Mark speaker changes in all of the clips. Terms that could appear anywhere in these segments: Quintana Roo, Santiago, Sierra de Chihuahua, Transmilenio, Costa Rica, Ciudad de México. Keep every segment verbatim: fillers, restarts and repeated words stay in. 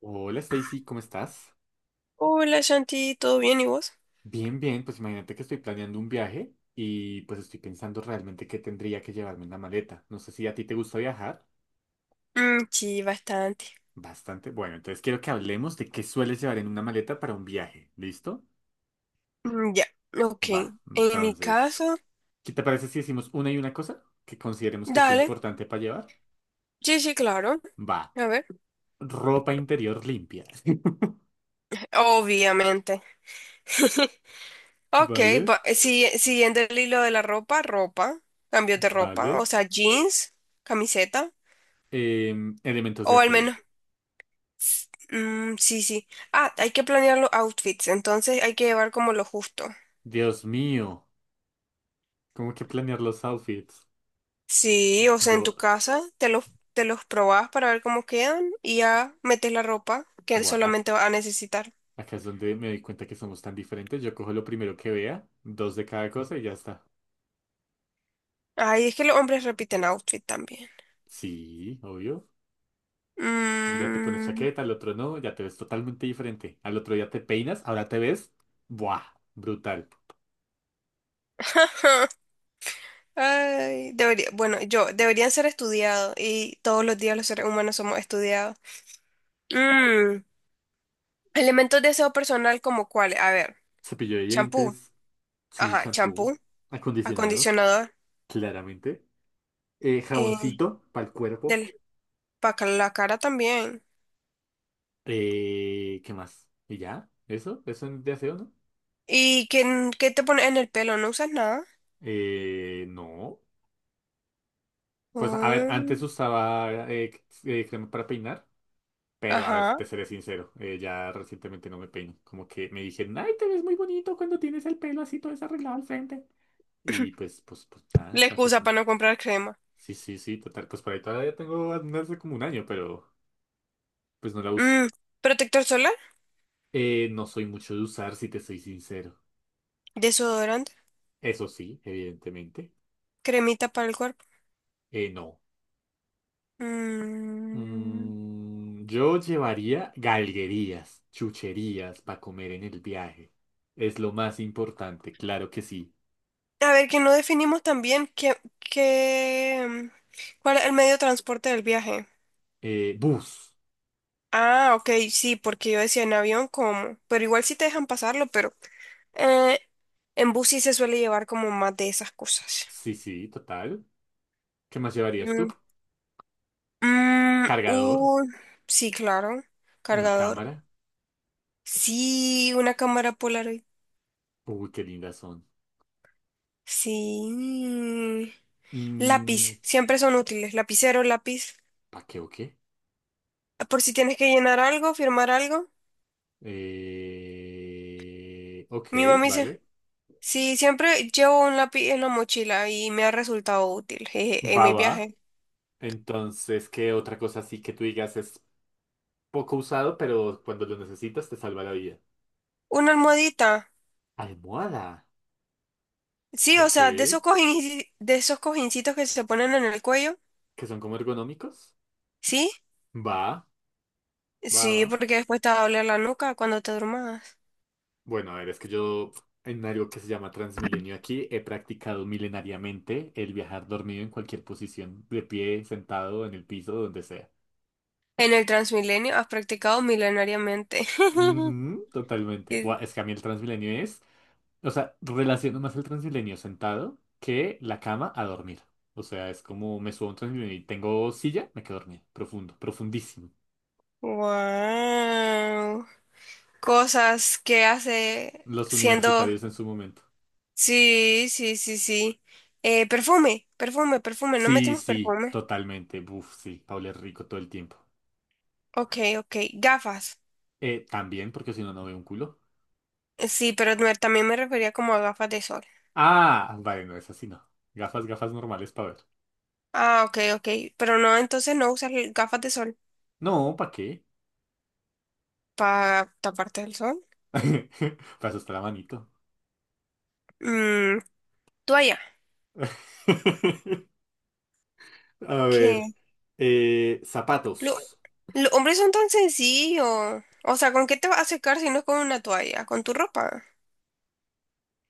Speaker 1: Hola Stacy, ¿cómo estás?
Speaker 2: Hola Shanti, ¿todo bien y vos?
Speaker 1: Bien, bien, pues imagínate que estoy planeando un viaje y pues estoy pensando realmente qué tendría que llevarme en la maleta. No sé si a ti te gusta viajar.
Speaker 2: Mm, sí, bastante.
Speaker 1: Bastante. Bueno, entonces quiero que hablemos de qué sueles llevar en una maleta para un viaje. ¿Listo?
Speaker 2: Mm, ya, ok.
Speaker 1: Va.
Speaker 2: En mi
Speaker 1: Entonces,
Speaker 2: caso,
Speaker 1: ¿qué te parece si decimos una y una cosa que consideremos que sea
Speaker 2: dale.
Speaker 1: importante para llevar?
Speaker 2: Sí, sí, claro.
Speaker 1: Va.
Speaker 2: A ver.
Speaker 1: Ropa interior limpia.
Speaker 2: Obviamente. Ok,
Speaker 1: Vale,
Speaker 2: va- eh, si- siguiendo el hilo de la ropa, ropa, cambios de ropa,
Speaker 1: vale.
Speaker 2: o sea, jeans, camiseta,
Speaker 1: Em, elementos de
Speaker 2: o al
Speaker 1: aseo.
Speaker 2: menos, s- mm, sí, sí. Ah, hay que planear los outfits, entonces hay que llevar como lo justo.
Speaker 1: Dios mío, ¿cómo que planear los outfits?
Speaker 2: Sí, o sea, en
Speaker 1: Yo,
Speaker 2: tu casa te los, te los probas para ver cómo quedan y ya metes la ropa que
Speaker 1: Buah, ac-
Speaker 2: solamente vas a necesitar.
Speaker 1: acá es donde me doy cuenta que somos tan diferentes. Yo cojo lo primero que vea, dos de cada cosa y ya está.
Speaker 2: Ay, es que los hombres repiten outfit también.
Speaker 1: Sí, obvio. Un día te pones
Speaker 2: Mm,
Speaker 1: chaqueta, al otro no, ya te ves totalmente diferente. Al otro día te peinas, ahora te ves, buah, brutal.
Speaker 2: Ay, debería, bueno, yo, deberían ser estudiados y todos los días los seres humanos somos estudiados. Mm, Elementos de aseo personal como cuáles, a ver,
Speaker 1: Cepillo de
Speaker 2: champú,
Speaker 1: dientes, sí,
Speaker 2: ajá,
Speaker 1: shampoo,
Speaker 2: champú,
Speaker 1: acondicionador,
Speaker 2: acondicionador,
Speaker 1: claramente. Eh,
Speaker 2: eh,
Speaker 1: jaboncito para el cuerpo.
Speaker 2: del, para la cara también.
Speaker 1: Eh, ¿qué más? ¿Y ya? ¿Eso? ¿Eso de aseo, no?
Speaker 2: ¿Y qué, qué te pones en el pelo? ¿No usas nada?
Speaker 1: Eh, no. Pues a ver,
Speaker 2: Mm.
Speaker 1: antes usaba eh, c- eh, crema para peinar. Pero a ver,
Speaker 2: Ajá.
Speaker 1: te seré sincero, eh, ya recientemente no me peino. Como que me dijeron, ay, te ves muy bonito cuando tienes el pelo así todo desarreglado al frente. Y pues, pues, pues nada,
Speaker 2: La
Speaker 1: me
Speaker 2: excusa
Speaker 1: acostumbré.
Speaker 2: para no comprar crema.
Speaker 1: Sí, sí, sí, total. Pues por ahí todavía tengo no hace como un año, pero pues no la uso.
Speaker 2: Mm, Protector solar,
Speaker 1: Eh, no soy mucho de usar, si te soy sincero.
Speaker 2: desodorante,
Speaker 1: Eso sí, evidentemente.
Speaker 2: cremita para el cuerpo.
Speaker 1: Eh, no.
Speaker 2: Mm.
Speaker 1: Mm, yo llevaría galguerías, chucherías para comer en el viaje. Es lo más importante, claro que sí.
Speaker 2: A ver, que no definimos también qué, qué, mm, cuál es el medio de transporte del viaje.
Speaker 1: Eh, bus.
Speaker 2: Ah, ok, sí, porque yo decía en avión como, pero igual sí te dejan pasarlo, pero eh, en bus sí se suele llevar como más de esas cosas.
Speaker 1: Sí, sí, total. ¿Qué más llevarías tú?
Speaker 2: Mm, mm,
Speaker 1: Cargador,
Speaker 2: uh, sí, claro,
Speaker 1: una
Speaker 2: cargador.
Speaker 1: cámara.
Speaker 2: Sí, una cámara polar.
Speaker 1: Uy, qué lindas son.
Speaker 2: Sí.
Speaker 1: Mm,
Speaker 2: Lápiz, siempre son útiles. Lapicero, lápiz.
Speaker 1: ¿Pa' qué o qué?
Speaker 2: Por si tienes que llenar algo, firmar algo.
Speaker 1: Eh, ok,
Speaker 2: Mi mamá dice,
Speaker 1: vale.
Speaker 2: sí, siempre llevo un lápiz en la mochila y me ha resultado útil, jeje, en
Speaker 1: Va,
Speaker 2: mi
Speaker 1: va.
Speaker 2: viaje.
Speaker 1: Entonces, ¿qué otra cosa así que tú digas es poco usado, pero cuando lo necesitas te salva la vida?
Speaker 2: Una almohadita.
Speaker 1: Almohada.
Speaker 2: Sí, o
Speaker 1: Ok.
Speaker 2: sea, de esos
Speaker 1: ¿Que
Speaker 2: cojin- de esos cojincitos que se ponen en el cuello.
Speaker 1: son como ergonómicos?
Speaker 2: ¿Sí?
Speaker 1: Va, va, va.
Speaker 2: Sí, porque después te va a doler la nuca cuando te durmas.
Speaker 1: Bueno, a ver, es que yo en algo que se llama Transmilenio aquí he practicado milenariamente el viajar dormido en cualquier posición, de pie, sentado, en el piso, donde sea.
Speaker 2: En el Transmilenio has practicado milenariamente.
Speaker 1: Ujú, totalmente. Buah, es que a mí el Transmilenio es, o sea, relaciono más el Transmilenio sentado que la cama a dormir. O sea, es como me subo a un Transmilenio y tengo silla, me quedo dormido, profundo, profundísimo.
Speaker 2: Wow. Cosas que hace
Speaker 1: Los
Speaker 2: siendo...
Speaker 1: universitarios en su momento.
Speaker 2: Sí, sí, sí, sí. Eh, perfume, perfume, perfume. No
Speaker 1: Sí,
Speaker 2: metimos
Speaker 1: sí,
Speaker 2: perfume.
Speaker 1: totalmente. Buf, sí, Paula es rico todo el tiempo.
Speaker 2: Ok, ok. Gafas.
Speaker 1: Eh, también, porque si no, no veo un culo.
Speaker 2: Sí, pero me- también me refería como a gafas de sol.
Speaker 1: Ah, vale, no es así, no. Gafas, gafas normales para ver.
Speaker 2: Ah, ok, ok. Pero no, entonces no usas l- gafas de sol
Speaker 1: No, ¿para qué?
Speaker 2: para taparte del sol.
Speaker 1: Para eso está la manito.
Speaker 2: Mm, Toalla.
Speaker 1: A
Speaker 2: ¿Qué?
Speaker 1: ver. Eh,
Speaker 2: Lo-
Speaker 1: zapatos.
Speaker 2: los hombres son tan sencillos. O sea, ¿con qué te vas a secar si no es con una toalla? Con tu ropa.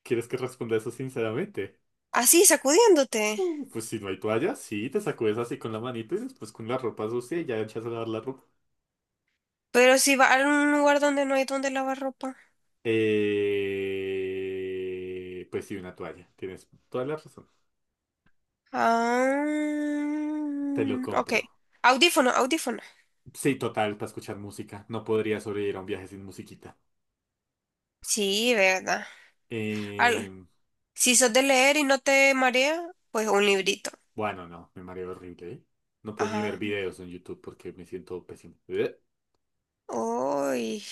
Speaker 1: ¿Quieres que responda eso sinceramente?
Speaker 2: Así, sacudiéndote.
Speaker 1: Mm, Pues si no hay toalla, sí, te sacudes así con la manito y después con la ropa sucia y ya echas a lavar la ropa.
Speaker 2: Pero si vas a un lugar donde no hay donde lavar ropa.
Speaker 1: Eh, pues sí, una toalla. Tienes toda la razón.
Speaker 2: Ah,
Speaker 1: Te lo
Speaker 2: ok.
Speaker 1: compro.
Speaker 2: Audífono, audífono.
Speaker 1: Sí, total, para escuchar música. No podría sobrevivir a un viaje sin musiquita.
Speaker 2: Sí, verdad. Al-
Speaker 1: Em,
Speaker 2: si sos de leer y no te marea, pues un librito.
Speaker 1: Bueno, no, me mareo horrible, ¿eh? No puedo ni ver
Speaker 2: Ajá.
Speaker 1: videos en YouTube porque me siento pésimo. Ugh.
Speaker 2: Uy,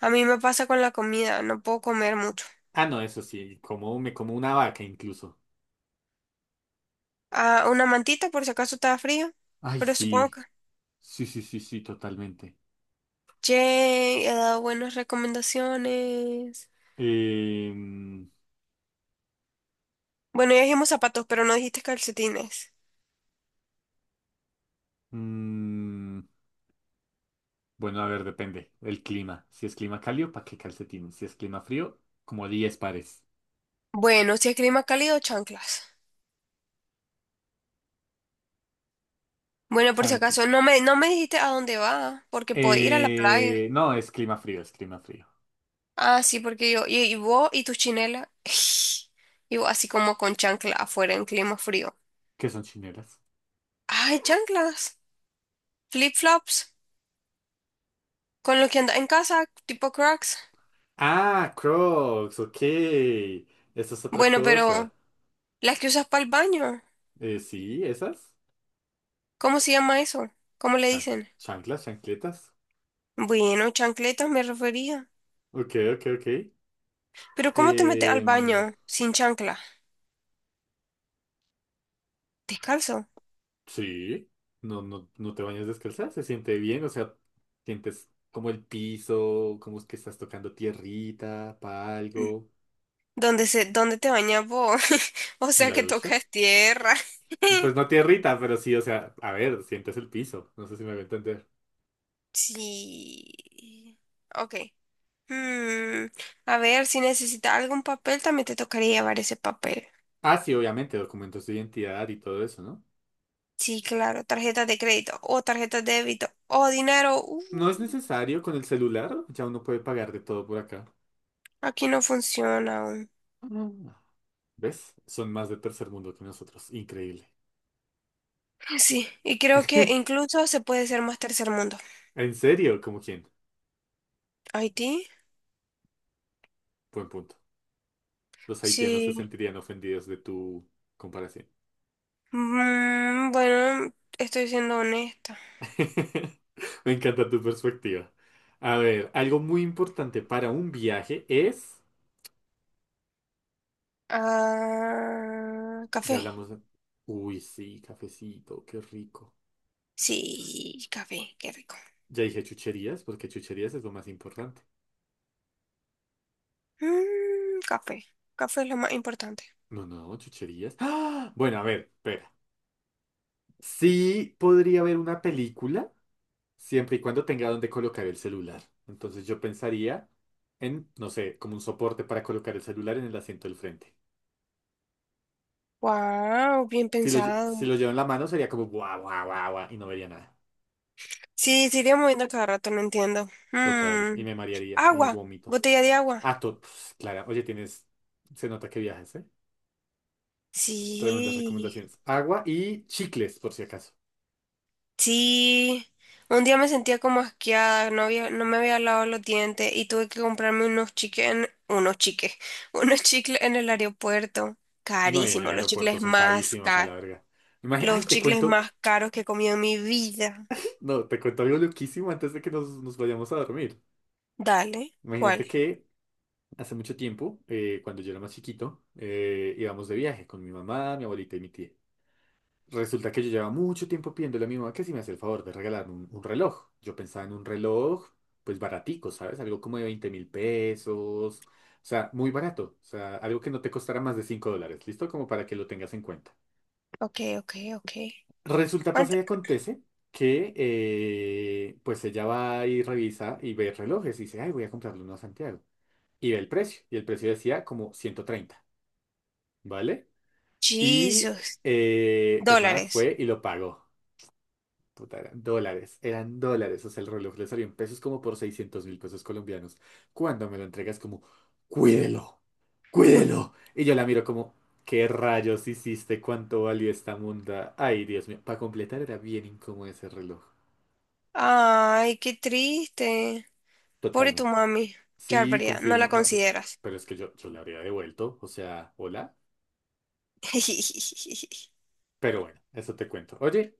Speaker 2: a mí me pasa con la comida, no puedo comer mucho.
Speaker 1: Ah, no, eso sí, como me como una vaca incluso.
Speaker 2: Ah, una mantita por si acaso está frío,
Speaker 1: Ay,
Speaker 2: pero supongo
Speaker 1: sí,
Speaker 2: que...
Speaker 1: sí, sí, sí, sí, totalmente.
Speaker 2: Che, he dado buenas recomendaciones.
Speaker 1: Em,
Speaker 2: Bueno, ya dijimos zapatos, pero no dijiste calcetines.
Speaker 1: mm, bueno, a ver, depende. El clima. Si es clima cálido, ¿para qué calcetines? Si es clima frío, como diez pares.
Speaker 2: Bueno, si es clima cálido, chanclas. Bueno, por si
Speaker 1: Chanqui.
Speaker 2: acaso, no me, no me dijiste a dónde va, porque puedo ir a la playa.
Speaker 1: Eh, no, es clima frío, es clima frío.
Speaker 2: Ah, sí, porque yo, y, y vos y tu chinela, y vos así como con chancla afuera en clima frío.
Speaker 1: ¿Qué son chineras?
Speaker 2: Ay, chanclas, flip-flops, con lo que andas en casa, tipo Crocs.
Speaker 1: Ah, Crocs, ok. Eso es otra
Speaker 2: Bueno,
Speaker 1: cosa.
Speaker 2: pero las que usas para el baño,
Speaker 1: Eh, sí, esas.
Speaker 2: ¿cómo se llama eso? ¿Cómo le
Speaker 1: Chanc-
Speaker 2: dicen?
Speaker 1: chanclas, chancletas.
Speaker 2: Bueno, chancletas me refería.
Speaker 1: Ok, ok, ok.
Speaker 2: Pero ¿cómo te metes al
Speaker 1: Em,
Speaker 2: baño sin chancla? Descalzo.
Speaker 1: sí, no, no, no te bañas descalza, se siente bien, o sea, sientes como el piso, como es que estás tocando tierrita para
Speaker 2: Mm,
Speaker 1: algo
Speaker 2: ¿Dónde se, dónde te bañas vos? O
Speaker 1: en
Speaker 2: sea
Speaker 1: la
Speaker 2: que
Speaker 1: ducha.
Speaker 2: tocas tierra.
Speaker 1: Pues no tierrita, pero sí, o sea, a ver, sientes el piso, no sé si me voy a entender.
Speaker 2: Sí. Ok. Mm, a ver, si necesita algún papel, también te tocaría llevar ese papel.
Speaker 1: Ah, sí, obviamente, documentos de identidad y todo eso, ¿no?
Speaker 2: Sí, claro, tarjeta de crédito o tarjeta de débito o dinero. Uh,
Speaker 1: No es necesario con el celular, ya uno puede pagar de todo por acá.
Speaker 2: aquí no funciona aún.
Speaker 1: Ah. ¿Ves? Son más de tercer mundo que nosotros, increíble.
Speaker 2: Sí, y creo que incluso se puede ser más tercer mundo.
Speaker 1: ¿En serio? ¿Cómo quién?
Speaker 2: Haití,
Speaker 1: Buen punto. Los haitianos se
Speaker 2: sí.
Speaker 1: sentirían ofendidos de tu comparación.
Speaker 2: Mm, bueno, estoy siendo honesta.
Speaker 1: Me encanta tu perspectiva. A ver, algo muy importante para un viaje es...
Speaker 2: Ah,
Speaker 1: Ya
Speaker 2: café.
Speaker 1: hablamos... de- Uy, sí, cafecito, qué rico.
Speaker 2: Sí, café, qué rico.
Speaker 1: Ya dije chucherías, porque chucherías es lo más importante.
Speaker 2: Mm, café. Café es lo más importante.
Speaker 1: No, no, chucherías. ¡Ah! Bueno, a ver, espera. Sí podría haber una película. Siempre y cuando tenga donde colocar el celular. Entonces yo pensaría en, no sé, como un soporte para colocar el celular en el asiento del frente.
Speaker 2: Wow, bien
Speaker 1: Si lo, lle- si
Speaker 2: pensado.
Speaker 1: lo llevo en la mano sería como guau, guau, guau, guau, y no vería nada.
Speaker 2: Sí, se iría moviendo cada rato, no entiendo.
Speaker 1: Total. Y
Speaker 2: Mm.
Speaker 1: me marearía y me
Speaker 2: Agua,
Speaker 1: vomito.
Speaker 2: botella de agua.
Speaker 1: Ah, to- pf, Clara, oye, tienes. Se nota que viajas, ¿eh? Tremendas
Speaker 2: Sí,
Speaker 1: recomendaciones. Agua y chicles, por si acaso.
Speaker 2: sí. Un día me sentía como asqueada, no había, no me había lavado los dientes y tuve que comprarme unos chiques, en- unos chiques, unos chicles en el aeropuerto.
Speaker 1: No, y en el
Speaker 2: Carísimo, los
Speaker 1: aeropuerto
Speaker 2: chicles
Speaker 1: son
Speaker 2: más
Speaker 1: carísimos a
Speaker 2: caros,
Speaker 1: la verga. Imagínate, ay,
Speaker 2: los
Speaker 1: te
Speaker 2: chicles
Speaker 1: cuento.
Speaker 2: más caros que he comido en mi vida.
Speaker 1: No, te cuento algo loquísimo antes de que nos, nos vayamos a dormir.
Speaker 2: Dale, ¿cuál?
Speaker 1: Imagínate que hace mucho tiempo, eh, cuando yo era más chiquito, eh, íbamos de viaje con mi mamá, mi abuelita y mi tía. Resulta que yo llevaba mucho tiempo pidiéndole a mi mamá que si me hacía el favor de regalarme un, un reloj. Yo pensaba en un reloj, pues baratico, ¿sabes? Algo como de veinte mil pesos. O sea, muy barato. O sea, algo que no te costara más de cinco dólares. ¿Listo? Como para que lo tengas en cuenta.
Speaker 2: Ok, ok, ok.
Speaker 1: Resulta, pasa
Speaker 2: ¿Cuánto?
Speaker 1: y acontece que eh, pues ella va y revisa y ve relojes y dice, ay, voy a comprarle uno a Santiago. Y ve el precio. Y el precio decía como ciento treinta. ¿Vale? Y
Speaker 2: Jesus,
Speaker 1: eh, pues nada,
Speaker 2: dólares.
Speaker 1: fue y lo pagó. Puta, eran dólares, eran dólares. O sea, el reloj le salió en pesos como por seiscientos mil pesos colombianos. Cuando me lo entregas como, cuídelo, cuídelo. Y yo la miro como, ¿qué rayos hiciste? ¿Cuánto valió esta munda? Ay, Dios mío. Para completar era bien incómodo ese reloj.
Speaker 2: Ay, qué triste. Pobre tu
Speaker 1: Totalmente.
Speaker 2: mami. Qué
Speaker 1: Sí,
Speaker 2: barbaridad. No la
Speaker 1: confirmo. No,
Speaker 2: consideras.
Speaker 1: pero es que yo, yo le habría devuelto. O sea, hola. Pero bueno, eso te cuento. Oye.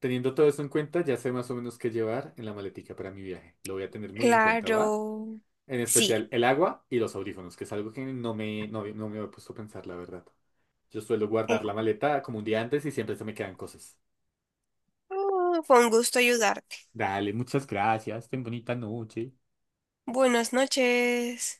Speaker 1: Teniendo todo eso en cuenta, ya sé más o menos qué llevar en la maletica para mi viaje. Lo voy a tener muy en cuenta, ¿va?
Speaker 2: Claro.
Speaker 1: En
Speaker 2: Sí.
Speaker 1: especial el agua y los audífonos, que es algo que no me, no, no me había puesto a pensar, la verdad. Yo suelo
Speaker 2: Eh,
Speaker 1: guardar la maleta como un día antes y siempre se me quedan cosas.
Speaker 2: ah, fue un gusto ayudarte.
Speaker 1: Dale, muchas gracias. Ten bonita noche.
Speaker 2: Buenas noches.